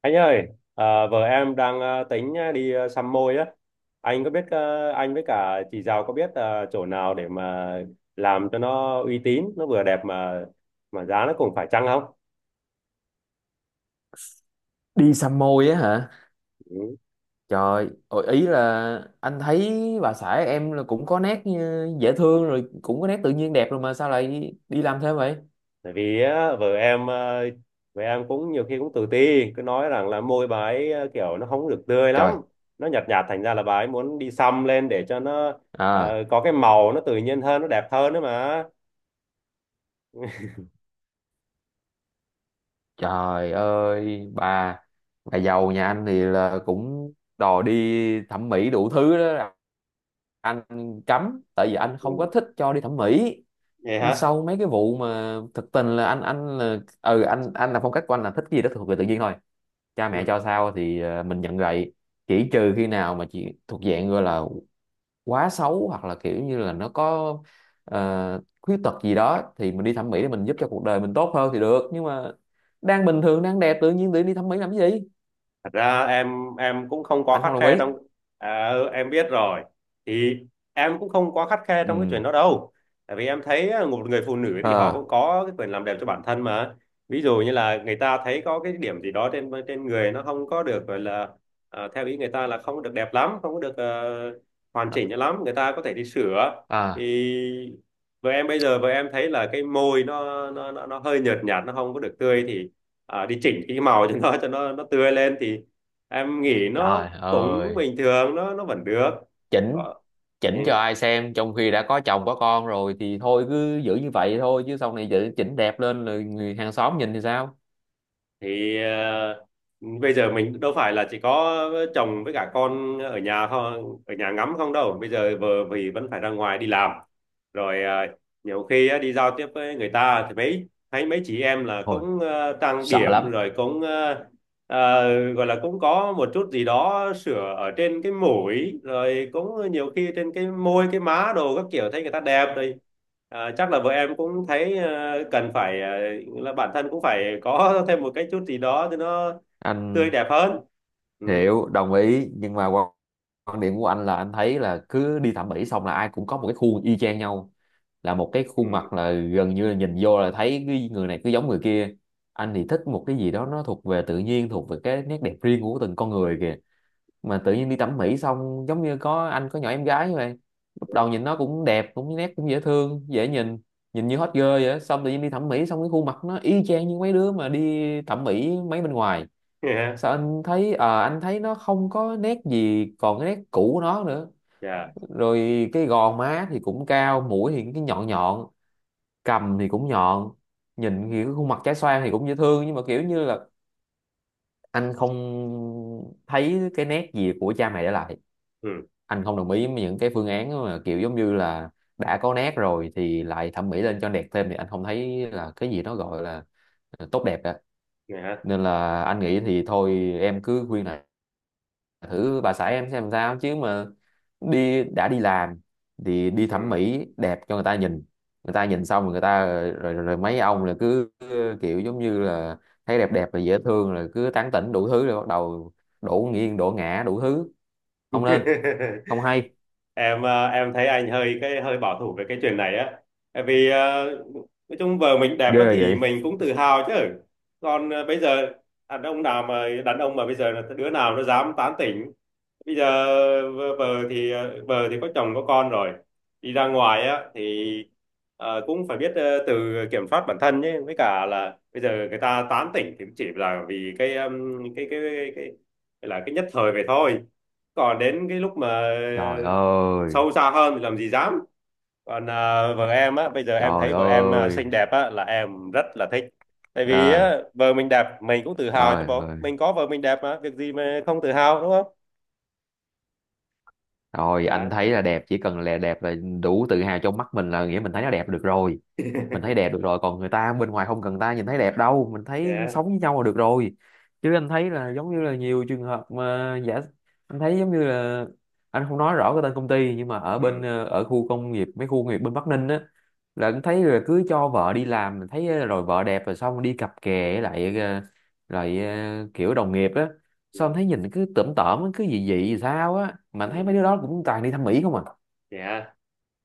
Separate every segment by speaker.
Speaker 1: Anh ơi, vợ em đang tính đi xăm môi á. Anh có biết anh với cả chị Giàu có biết chỗ nào để mà làm cho nó uy tín, nó vừa đẹp mà giá nó cũng phải chăng không?
Speaker 2: Đi xăm môi á hả?
Speaker 1: Ừ.
Speaker 2: Trời ôi, ý là anh thấy bà xã em là cũng có nét như dễ thương rồi, cũng có nét tự nhiên đẹp rồi mà sao lại đi làm thêm vậy?
Speaker 1: Tại vì á, vợ em cũng nhiều khi cũng tự ti, cứ nói rằng là môi bà ấy kiểu nó không được tươi lắm,
Speaker 2: Trời.
Speaker 1: nó nhạt nhạt thành ra là bà ấy muốn đi xăm lên để cho nó
Speaker 2: À.
Speaker 1: có cái màu nó tự nhiên hơn, nó đẹp hơn nữa mà.
Speaker 2: Trời ơi, bà giàu nhà anh thì là cũng đòi đi thẩm mỹ đủ thứ đó, là anh cấm, tại vì anh không có
Speaker 1: Ừ.
Speaker 2: thích cho đi thẩm mỹ.
Speaker 1: Vậy
Speaker 2: Nhưng
Speaker 1: hả?
Speaker 2: sau mấy cái vụ mà thực tình là anh là anh là phong cách của anh là thích cái gì đó thuộc về tự nhiên thôi. Cha mẹ
Speaker 1: Ừ.
Speaker 2: cho sao thì mình nhận gậy. Chỉ trừ khi nào mà chị thuộc dạng gọi là quá xấu hoặc là kiểu như là nó có khuyết tật gì đó thì mình đi thẩm mỹ để mình giúp cho cuộc đời mình tốt hơn thì được, nhưng mà đang bình thường, đang đẹp tự nhiên tự đi thẩm mỹ làm cái gì?
Speaker 1: Thật ra em cũng không quá
Speaker 2: Anh
Speaker 1: khắt
Speaker 2: không đồng ý.
Speaker 1: khe trong, ừ, em biết rồi, thì em cũng không quá khắt khe trong cái
Speaker 2: Ừ.
Speaker 1: chuyện đó đâu. Tại vì em thấy á, một người phụ nữ thì họ
Speaker 2: Ờ.
Speaker 1: cũng có cái quyền làm đẹp cho bản thân mà. Ví dụ như là người ta thấy có cái điểm gì đó trên trên người nó không có được gọi là, theo ý người ta là không được đẹp lắm, không có được, hoàn chỉnh cho lắm, người ta có thể đi sửa.
Speaker 2: À.
Speaker 1: Thì vợ em bây giờ, vợ em thấy là cái môi nó hơi nhợt nhạt, nó không có được tươi thì đi chỉnh cái màu cho nó, cho nó tươi lên thì em nghĩ
Speaker 2: Trời
Speaker 1: nó cũng
Speaker 2: ơi.
Speaker 1: bình thường, nó vẫn được
Speaker 2: Chỉnh.
Speaker 1: có. Ừ.
Speaker 2: Chỉnh cho ai xem, trong khi đã có chồng có con rồi thì thôi cứ giữ như vậy thôi, chứ sau này chỉnh chỉnh đẹp lên rồi người hàng xóm nhìn thì sao?
Speaker 1: Thì bây giờ mình đâu phải là chỉ có chồng với cả con ở nhà không, ở nhà ngắm không đâu, bây giờ vợ vì vẫn phải ra ngoài đi làm. Rồi nhiều khi á, đi giao tiếp với người ta thì mấy thấy mấy chị em là
Speaker 2: Thôi,
Speaker 1: cũng trang
Speaker 2: sợ
Speaker 1: điểm
Speaker 2: lắm.
Speaker 1: rồi cũng Ờ, gọi là cũng có một chút gì đó sửa ở trên cái mũi, rồi cũng nhiều khi trên cái môi cái má đồ các kiểu, thấy người ta đẹp rồi. Chắc là vợ em cũng thấy cần phải, là bản thân cũng phải có thêm một cái chút gì đó thì nó tươi
Speaker 2: Anh
Speaker 1: đẹp hơn. Ừ.
Speaker 2: hiểu, đồng ý, nhưng mà quan quan điểm của anh là anh thấy là cứ đi thẩm mỹ xong là ai cũng có một cái khuôn y chang nhau, là một cái khuôn
Speaker 1: Ừ.
Speaker 2: mặt là gần như là nhìn vô là thấy cái người này cứ giống người kia. Anh thì thích một cái gì đó nó thuộc về tự nhiên, thuộc về cái nét đẹp riêng của từng con người kìa. Mà tự nhiên đi thẩm mỹ xong, giống như có anh có nhỏ em gái như vậy, lúc đầu nhìn nó cũng đẹp, cũng nét, cũng dễ thương, dễ nhìn, nhìn như hot girl vậy á. Xong tự nhiên đi thẩm mỹ xong cái khuôn mặt nó y chang như mấy đứa mà đi thẩm mỹ mấy bên ngoài.
Speaker 1: Yeah.
Speaker 2: Sao anh thấy anh thấy nó không có nét gì còn cái nét cũ của nó nữa.
Speaker 1: Yeah.
Speaker 2: Rồi cái gò má thì cũng cao, mũi thì cái nhọn nhọn, cằm thì cũng nhọn, nhìn thì cái khuôn mặt trái xoan thì cũng dễ thương, nhưng mà kiểu như là anh không thấy cái nét gì của cha mẹ để lại.
Speaker 1: Ừ.
Speaker 2: Anh không đồng ý với những cái phương án mà kiểu giống như là đã có nét rồi thì lại thẩm mỹ lên cho đẹp thêm, thì anh không thấy là cái gì nó gọi là tốt đẹp cả.
Speaker 1: Yeah.
Speaker 2: Nên là anh nghĩ thì thôi em cứ khuyên này, thử bà xã em xem sao. Chứ mà đi, đã đi làm thì đi thẩm
Speaker 1: Ừ.
Speaker 2: mỹ đẹp cho người ta nhìn, người ta nhìn xong rồi người ta rồi, rồi, rồi mấy ông là cứ kiểu giống như là thấy đẹp đẹp và dễ thương rồi cứ tán tỉnh đủ thứ, rồi bắt đầu đổ nghiêng đổ ngã đủ thứ. Không nên, không hay.
Speaker 1: Em thấy anh hơi cái hơi bảo thủ về cái chuyện này á. Tại vì nói chung vợ mình đẹp
Speaker 2: Ghê
Speaker 1: á thì
Speaker 2: vậy.
Speaker 1: mình cũng tự hào chứ. Còn bây giờ đàn ông nào mà, đàn ông mà bây giờ là đứa nào nó dám tán tỉnh. Bây giờ vợ thì vợ thì có chồng có con rồi, đi ra ngoài á thì cũng phải biết tự kiểm soát bản thân nhé, với cả là bây giờ người ta tán tỉnh thì chỉ là vì cái, cái gọi là cái nhất thời vậy thôi. Còn đến cái lúc mà
Speaker 2: Trời ơi.
Speaker 1: sâu xa hơn thì làm gì dám. Còn vợ em á, bây giờ em
Speaker 2: Trời
Speaker 1: thấy vợ em
Speaker 2: ơi.
Speaker 1: xinh đẹp á là em rất là thích. Tại vì
Speaker 2: À,
Speaker 1: á, vợ mình đẹp mình cũng tự hào chứ
Speaker 2: trời
Speaker 1: bộ,
Speaker 2: ơi,
Speaker 1: mình có vợ mình đẹp mà việc gì mà không tự hào, đúng không?
Speaker 2: rồi anh thấy là đẹp, chỉ cần là đẹp là đủ. Tự hào trong mắt mình là nghĩa mình thấy nó đẹp được rồi, mình thấy đẹp được rồi, còn người ta bên ngoài không cần ta nhìn thấy đẹp đâu, mình
Speaker 1: Vậy
Speaker 2: thấy
Speaker 1: hả?
Speaker 2: sống với nhau là được rồi. Chứ anh thấy là giống như là nhiều trường hợp mà giả, anh thấy giống như là anh không nói rõ cái tên công ty, nhưng mà ở bên
Speaker 1: Ừ.
Speaker 2: ở khu công nghiệp, mấy khu công nghiệp bên Bắc Ninh á, là anh thấy là cứ cho vợ đi làm thấy rồi vợ đẹp rồi xong đi cặp kè với lại kiểu đồng nghiệp á. Sao anh
Speaker 1: Ừ.
Speaker 2: thấy nhìn cứ tởm tởm, cứ dị dị gì sao á, mà anh thấy
Speaker 1: Ừ.
Speaker 2: mấy đứa đó cũng toàn đi thăm mỹ không à.
Speaker 1: Vậy hả?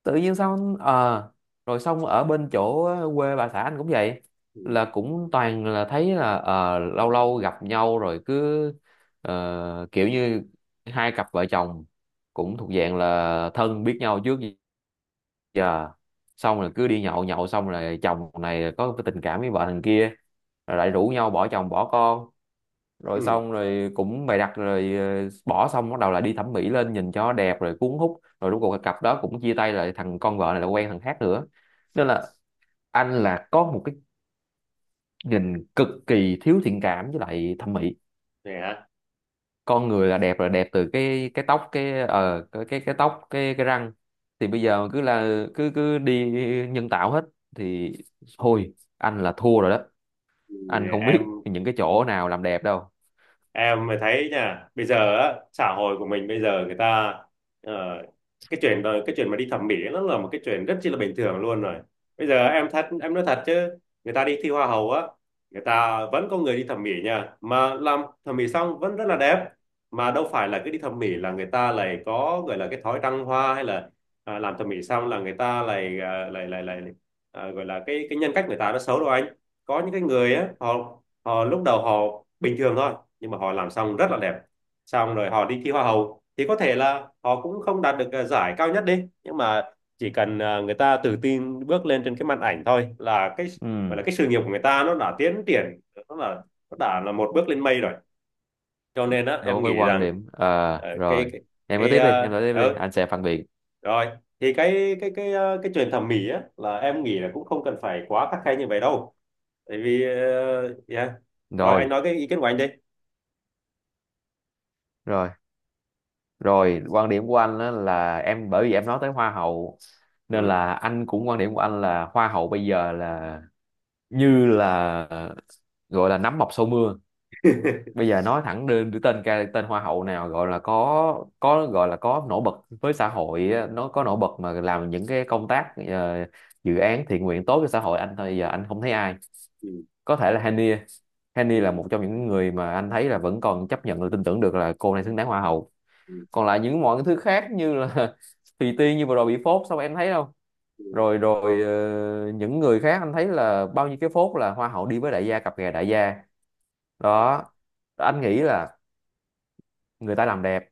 Speaker 2: Tự nhiên sao anh rồi xong ở bên chỗ quê bà xã anh cũng vậy,
Speaker 1: Ừ.
Speaker 2: là cũng toàn là thấy là lâu lâu gặp nhau rồi cứ kiểu như hai cặp vợ chồng cũng thuộc dạng là thân biết nhau trước giờ, xong rồi cứ đi nhậu, nhậu xong rồi chồng này có cái tình cảm với vợ thằng kia, rồi lại rủ nhau bỏ chồng bỏ con, rồi
Speaker 1: Ừ.
Speaker 2: xong rồi cũng bày đặt rồi bỏ xong bắt đầu là đi thẩm mỹ lên nhìn cho đẹp rồi cuốn hút, rồi rốt cuộc cái cặp đó cũng chia tay, lại thằng con vợ này là quen thằng khác nữa. Nên là anh là có một cái nhìn cực kỳ thiếu thiện cảm với lại thẩm mỹ.
Speaker 1: Vậy.
Speaker 2: Con người là đẹp, là đẹp từ cái tóc cái ờ cái tóc, cái răng, thì bây giờ cứ là cứ cứ đi nhân tạo hết thì thôi, anh là thua rồi đó.
Speaker 1: Ừ.
Speaker 2: Anh không
Speaker 1: Em
Speaker 2: biết những cái chỗ nào làm đẹp đâu.
Speaker 1: em mới thấy nha, bây giờ á, xã hội của mình bây giờ người ta ờ, cái chuyện mà đi thẩm mỹ nó là một cái chuyện rất chi là bình thường luôn rồi. Bây giờ em thật, em nói thật chứ, người ta đi thi hoa hậu á, người ta vẫn có người đi thẩm mỹ nha, mà làm thẩm mỹ xong vẫn rất là đẹp. Mà đâu phải là cứ đi thẩm mỹ là người ta lại có gọi là cái thói trăng hoa, hay là làm thẩm mỹ xong là người ta lại, gọi là cái nhân cách người ta nó xấu đâu anh. Có những cái người á, họ họ lúc đầu họ bình thường thôi, nhưng mà họ làm xong rất là đẹp, xong rồi họ đi thi hoa hậu thì có thể là họ cũng không đạt được giải cao nhất đi, nhưng mà chỉ cần người ta tự tin bước lên trên cái màn ảnh thôi là cái gọi
Speaker 2: Ừ,
Speaker 1: là cái sự nghiệp của người ta nó đã tiến triển, nó là nó đã là một bước lên mây rồi. Cho nên á
Speaker 2: đối
Speaker 1: em nghĩ
Speaker 2: với quan
Speaker 1: rằng,
Speaker 2: điểm, à,
Speaker 1: ờ, cái
Speaker 2: rồi,
Speaker 1: cái,
Speaker 2: em cứ
Speaker 1: cái
Speaker 2: tiếp đi, em nói tiếp đi,
Speaker 1: ừ,
Speaker 2: anh sẽ phản biện.
Speaker 1: rồi. Thì cái cái chuyện thẩm mỹ á là em nghĩ là cũng không cần phải quá khắt khe như vậy đâu. Tại vì yeah. Rồi anh
Speaker 2: rồi
Speaker 1: nói cái ý kiến của anh đi.
Speaker 2: rồi rồi quan điểm của anh á là em, bởi vì em nói tới hoa hậu nên
Speaker 1: Ừ.
Speaker 2: là anh cũng, quan điểm của anh là hoa hậu bây giờ là như là gọi là nắm mọc sau mưa. Bây giờ nói thẳng đơn đứa tên ca, tên hoa hậu nào gọi là có gọi là có nổi bật với xã hội á, nó có nổi bật mà làm những cái công tác dự án thiện nguyện tốt cho xã hội, anh thôi giờ anh không thấy ai.
Speaker 1: Ừ.
Speaker 2: Có thể là Hania, Hania là một trong những người mà anh thấy là vẫn còn chấp nhận và tin tưởng được, là cô này xứng đáng hoa hậu.
Speaker 1: Ừ.
Speaker 2: Còn lại những mọi thứ khác như là Thùy Tiên như vừa rồi bị phốt sao em thấy không? Rồi rồi những người khác anh thấy là bao nhiêu cái phốt là hoa hậu đi với đại gia, cặp kè đại gia đó. Anh nghĩ là người ta làm đẹp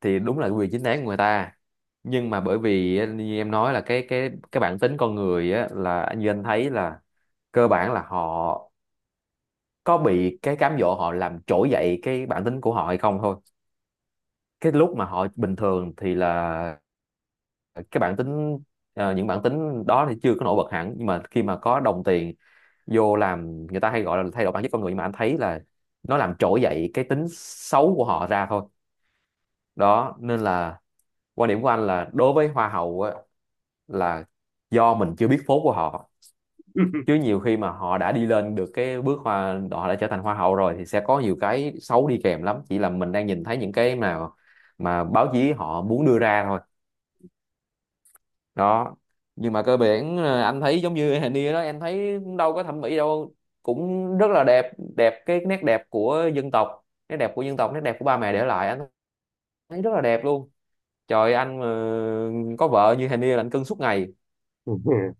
Speaker 2: thì đúng là quyền chính đáng của người ta, nhưng mà bởi vì á, như em nói là cái bản tính con người á, là như anh thấy là cơ bản là họ có bị cái cám dỗ họ làm trỗi dậy cái bản tính của họ hay không thôi. Cái lúc mà họ bình thường thì là cái bản tính, những bản tính đó thì chưa có nổi bật hẳn, nhưng mà khi mà có đồng tiền vô làm, người ta hay gọi là thay đổi bản chất con người, nhưng mà anh thấy là nó làm trỗi dậy cái tính xấu của họ ra thôi. Đó nên là quan điểm của anh là đối với hoa hậu á, là do mình chưa biết phốt của họ,
Speaker 1: Ừ.
Speaker 2: chứ nhiều khi mà họ đã đi lên được cái bước hoa, họ đã trở thành hoa hậu rồi thì sẽ có nhiều cái xấu đi kèm lắm, chỉ là mình đang nhìn thấy những cái nào mà báo chí họ muốn đưa ra thôi. Đó, nhưng mà cơ bản anh thấy giống như hình như đó, em thấy đâu có thẩm mỹ đâu, cũng rất là đẹp, đẹp cái nét đẹp của dân tộc, nét đẹp của dân tộc, nét đẹp của ba mẹ để lại, anh thấy rất là đẹp luôn. Trời, anh mà có vợ như hình như là anh cưng suốt ngày,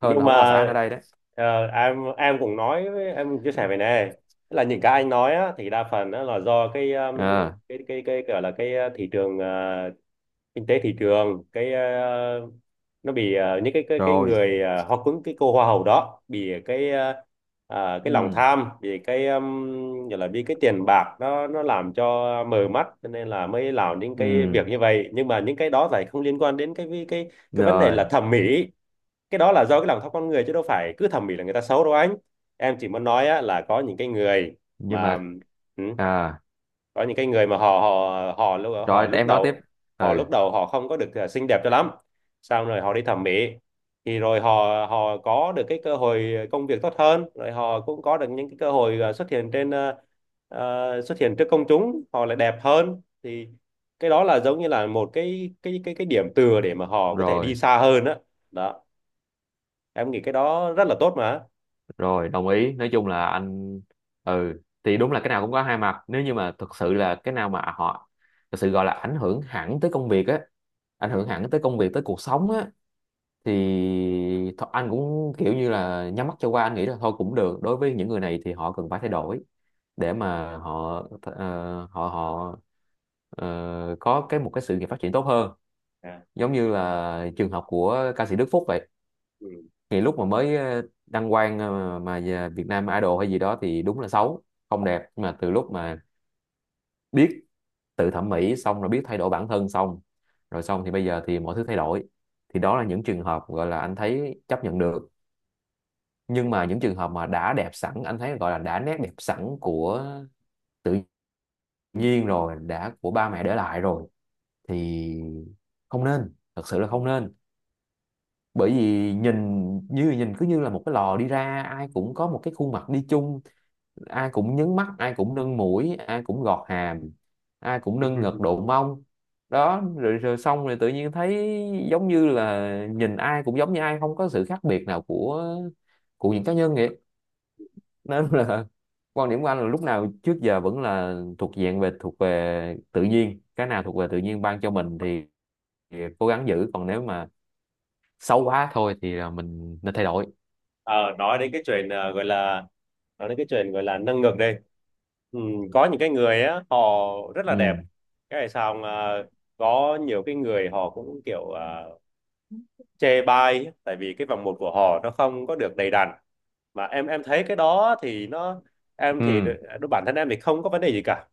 Speaker 2: hơn là
Speaker 1: Nhưng
Speaker 2: không có bà xã
Speaker 1: mà
Speaker 2: anh ở đây đấy.
Speaker 1: em cũng chia sẻ về này. Tức là những cái anh nói á, thì đa phần á, là do cái,
Speaker 2: À,
Speaker 1: cái gọi là cái thị trường, kinh tế thị trường, cái nó bị những cái
Speaker 2: rồi.
Speaker 1: người ờ, hoa cứng cái cô hoa hậu đó bị cái, ờ, cái lòng
Speaker 2: Ừ.
Speaker 1: tham vì cái, gọi là vì cái tiền bạc, nó làm cho mờ mắt cho nên là mới làm những cái
Speaker 2: Ừ.
Speaker 1: việc như vậy, nhưng mà những cái đó lại không liên quan đến cái vấn đề
Speaker 2: Rồi.
Speaker 1: là thẩm mỹ. Cái đó là do cái lòng tham con người chứ đâu phải cứ thẩm mỹ là người ta xấu đâu anh. Em chỉ muốn nói á, là có những cái người
Speaker 2: Nhưng
Speaker 1: mà,
Speaker 2: mà
Speaker 1: ừ,
Speaker 2: à,
Speaker 1: có những cái người mà họ họ họ
Speaker 2: rồi
Speaker 1: lúc
Speaker 2: em nói tiếp.
Speaker 1: đầu họ lúc
Speaker 2: Ừ.
Speaker 1: đầu họ không có được xinh đẹp cho lắm, xong rồi họ đi thẩm mỹ thì rồi họ họ có được cái cơ hội công việc tốt hơn, rồi họ cũng có được những cái cơ hội à, xuất hiện trên à, à, xuất hiện trước công chúng, họ lại đẹp hơn thì cái đó là giống như là một cái điểm tựa để mà họ có thể đi
Speaker 2: Rồi.
Speaker 1: xa hơn á. Đó. Em nghĩ cái đó rất là tốt mà.
Speaker 2: Rồi, đồng ý, nói chung là anh, ừ thì đúng là cái nào cũng có hai mặt, nếu như mà thực sự là cái nào mà họ thực sự gọi là ảnh hưởng hẳn tới công việc á, ảnh hưởng
Speaker 1: Ừ.
Speaker 2: hẳn tới công việc, tới cuộc sống á, thì thôi anh cũng kiểu như là nhắm mắt cho qua, anh nghĩ là thôi cũng được, đối với những người này thì họ cần phải thay đổi để mà họ ờ, họ họ ờ, có cái một cái sự nghiệp phát triển tốt hơn,
Speaker 1: À.
Speaker 2: giống như là trường hợp của ca sĩ Đức Phúc vậy.
Speaker 1: Ừ.
Speaker 2: Thì lúc mà mới đăng quang, mà về Việt Nam Idol hay gì đó thì đúng là xấu, không đẹp, nhưng mà từ lúc mà biết tự thẩm mỹ xong rồi biết thay đổi bản thân xong, rồi xong thì bây giờ thì mọi thứ thay đổi, thì đó là những trường hợp gọi là anh thấy chấp nhận được. Nhưng mà những trường hợp mà đã đẹp sẵn, anh thấy gọi là đã nét đẹp sẵn của tự nhiên rồi, đã của ba mẹ để lại rồi thì không nên, thật sự là không nên. Bởi vì nhìn như nhìn cứ như là một cái lò đi ra, ai cũng có một cái khuôn mặt đi chung, ai cũng nhấn mắt, ai cũng nâng mũi, ai cũng gọt hàm, ai cũng nâng ngực độ mông. Đó rồi, rồi xong rồi tự nhiên thấy giống như là nhìn ai cũng giống như ai, không có sự khác biệt nào của những cá nhân vậy. Nên là quan điểm của anh là lúc nào trước giờ vẫn là thuộc dạng về thuộc về tự nhiên, cái nào thuộc về tự nhiên ban cho mình thì cố gắng giữ, còn nếu mà xấu quá thôi thì là mình nên thay đổi.
Speaker 1: ờ, nói đến cái chuyện ờ, gọi là nói đến cái chuyện gọi là nâng ngực đi. Ừ, có những cái người á, họ rất là đẹp.
Speaker 2: Ừ.
Speaker 1: Cái này sao, có nhiều cái người họ cũng kiểu chê bai tại vì cái vòng một của họ nó không có được đầy đặn. Mà em thấy cái đó thì nó, em thì
Speaker 2: Ừ.
Speaker 1: bản thân em thì không có vấn đề gì cả.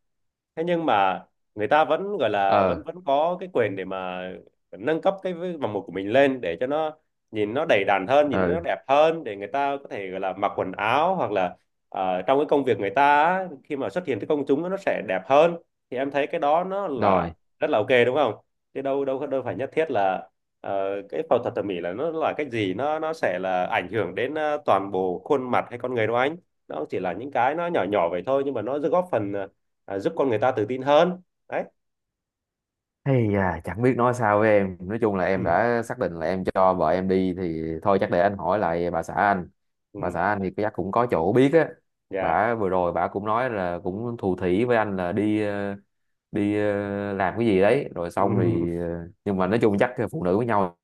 Speaker 1: Thế nhưng mà người ta vẫn gọi là vẫn
Speaker 2: Ờ.
Speaker 1: vẫn có cái quyền để mà nâng cấp cái vòng một của mình lên để cho nó nhìn nó đầy đặn hơn, nhìn nó
Speaker 2: Ừ.
Speaker 1: đẹp hơn, để người ta có thể gọi là mặc quần áo, hoặc là trong cái công việc người ta á, khi mà xuất hiện trước công chúng nó sẽ đẹp hơn. Thì em thấy cái đó nó là
Speaker 2: Rồi,
Speaker 1: rất là ok, đúng không? Chứ đâu đâu đâu phải nhất thiết là cái phẫu thuật thẩm mỹ là nó là cái gì, nó sẽ là ảnh hưởng đến toàn bộ khuôn mặt hay con người đâu anh. Nó chỉ là những cái nó nhỏ nhỏ vậy thôi, nhưng mà nó góp phần giúp con người ta tự tin hơn. Đấy.
Speaker 2: hay à, chẳng biết nói sao với em, nói chung là
Speaker 1: Ừ.
Speaker 2: em đã xác định là em cho vợ em đi thì thôi, chắc để anh hỏi lại bà xã anh, bà
Speaker 1: Ừ.
Speaker 2: xã anh thì chắc cũng có chỗ biết á.
Speaker 1: Dạ.
Speaker 2: Bà vừa rồi bà cũng nói là cũng thủ thỉ với anh là đi đi làm cái gì đấy rồi xong thì nhưng mà nói chung chắc phụ nữ với nhau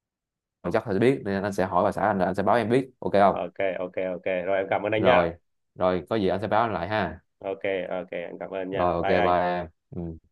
Speaker 2: chắc phải biết, nên anh sẽ hỏi bà xã anh, là anh sẽ báo em biết, ok không?
Speaker 1: Ok, ok, ok, rồi em cảm ơn anh nhá.
Speaker 2: Rồi. Rồi, có gì anh sẽ báo anh lại ha.
Speaker 1: Ok. Ok, em cảm ơn nha,
Speaker 2: Rồi, ok,
Speaker 1: bye
Speaker 2: bye
Speaker 1: anh.
Speaker 2: em. Ừ.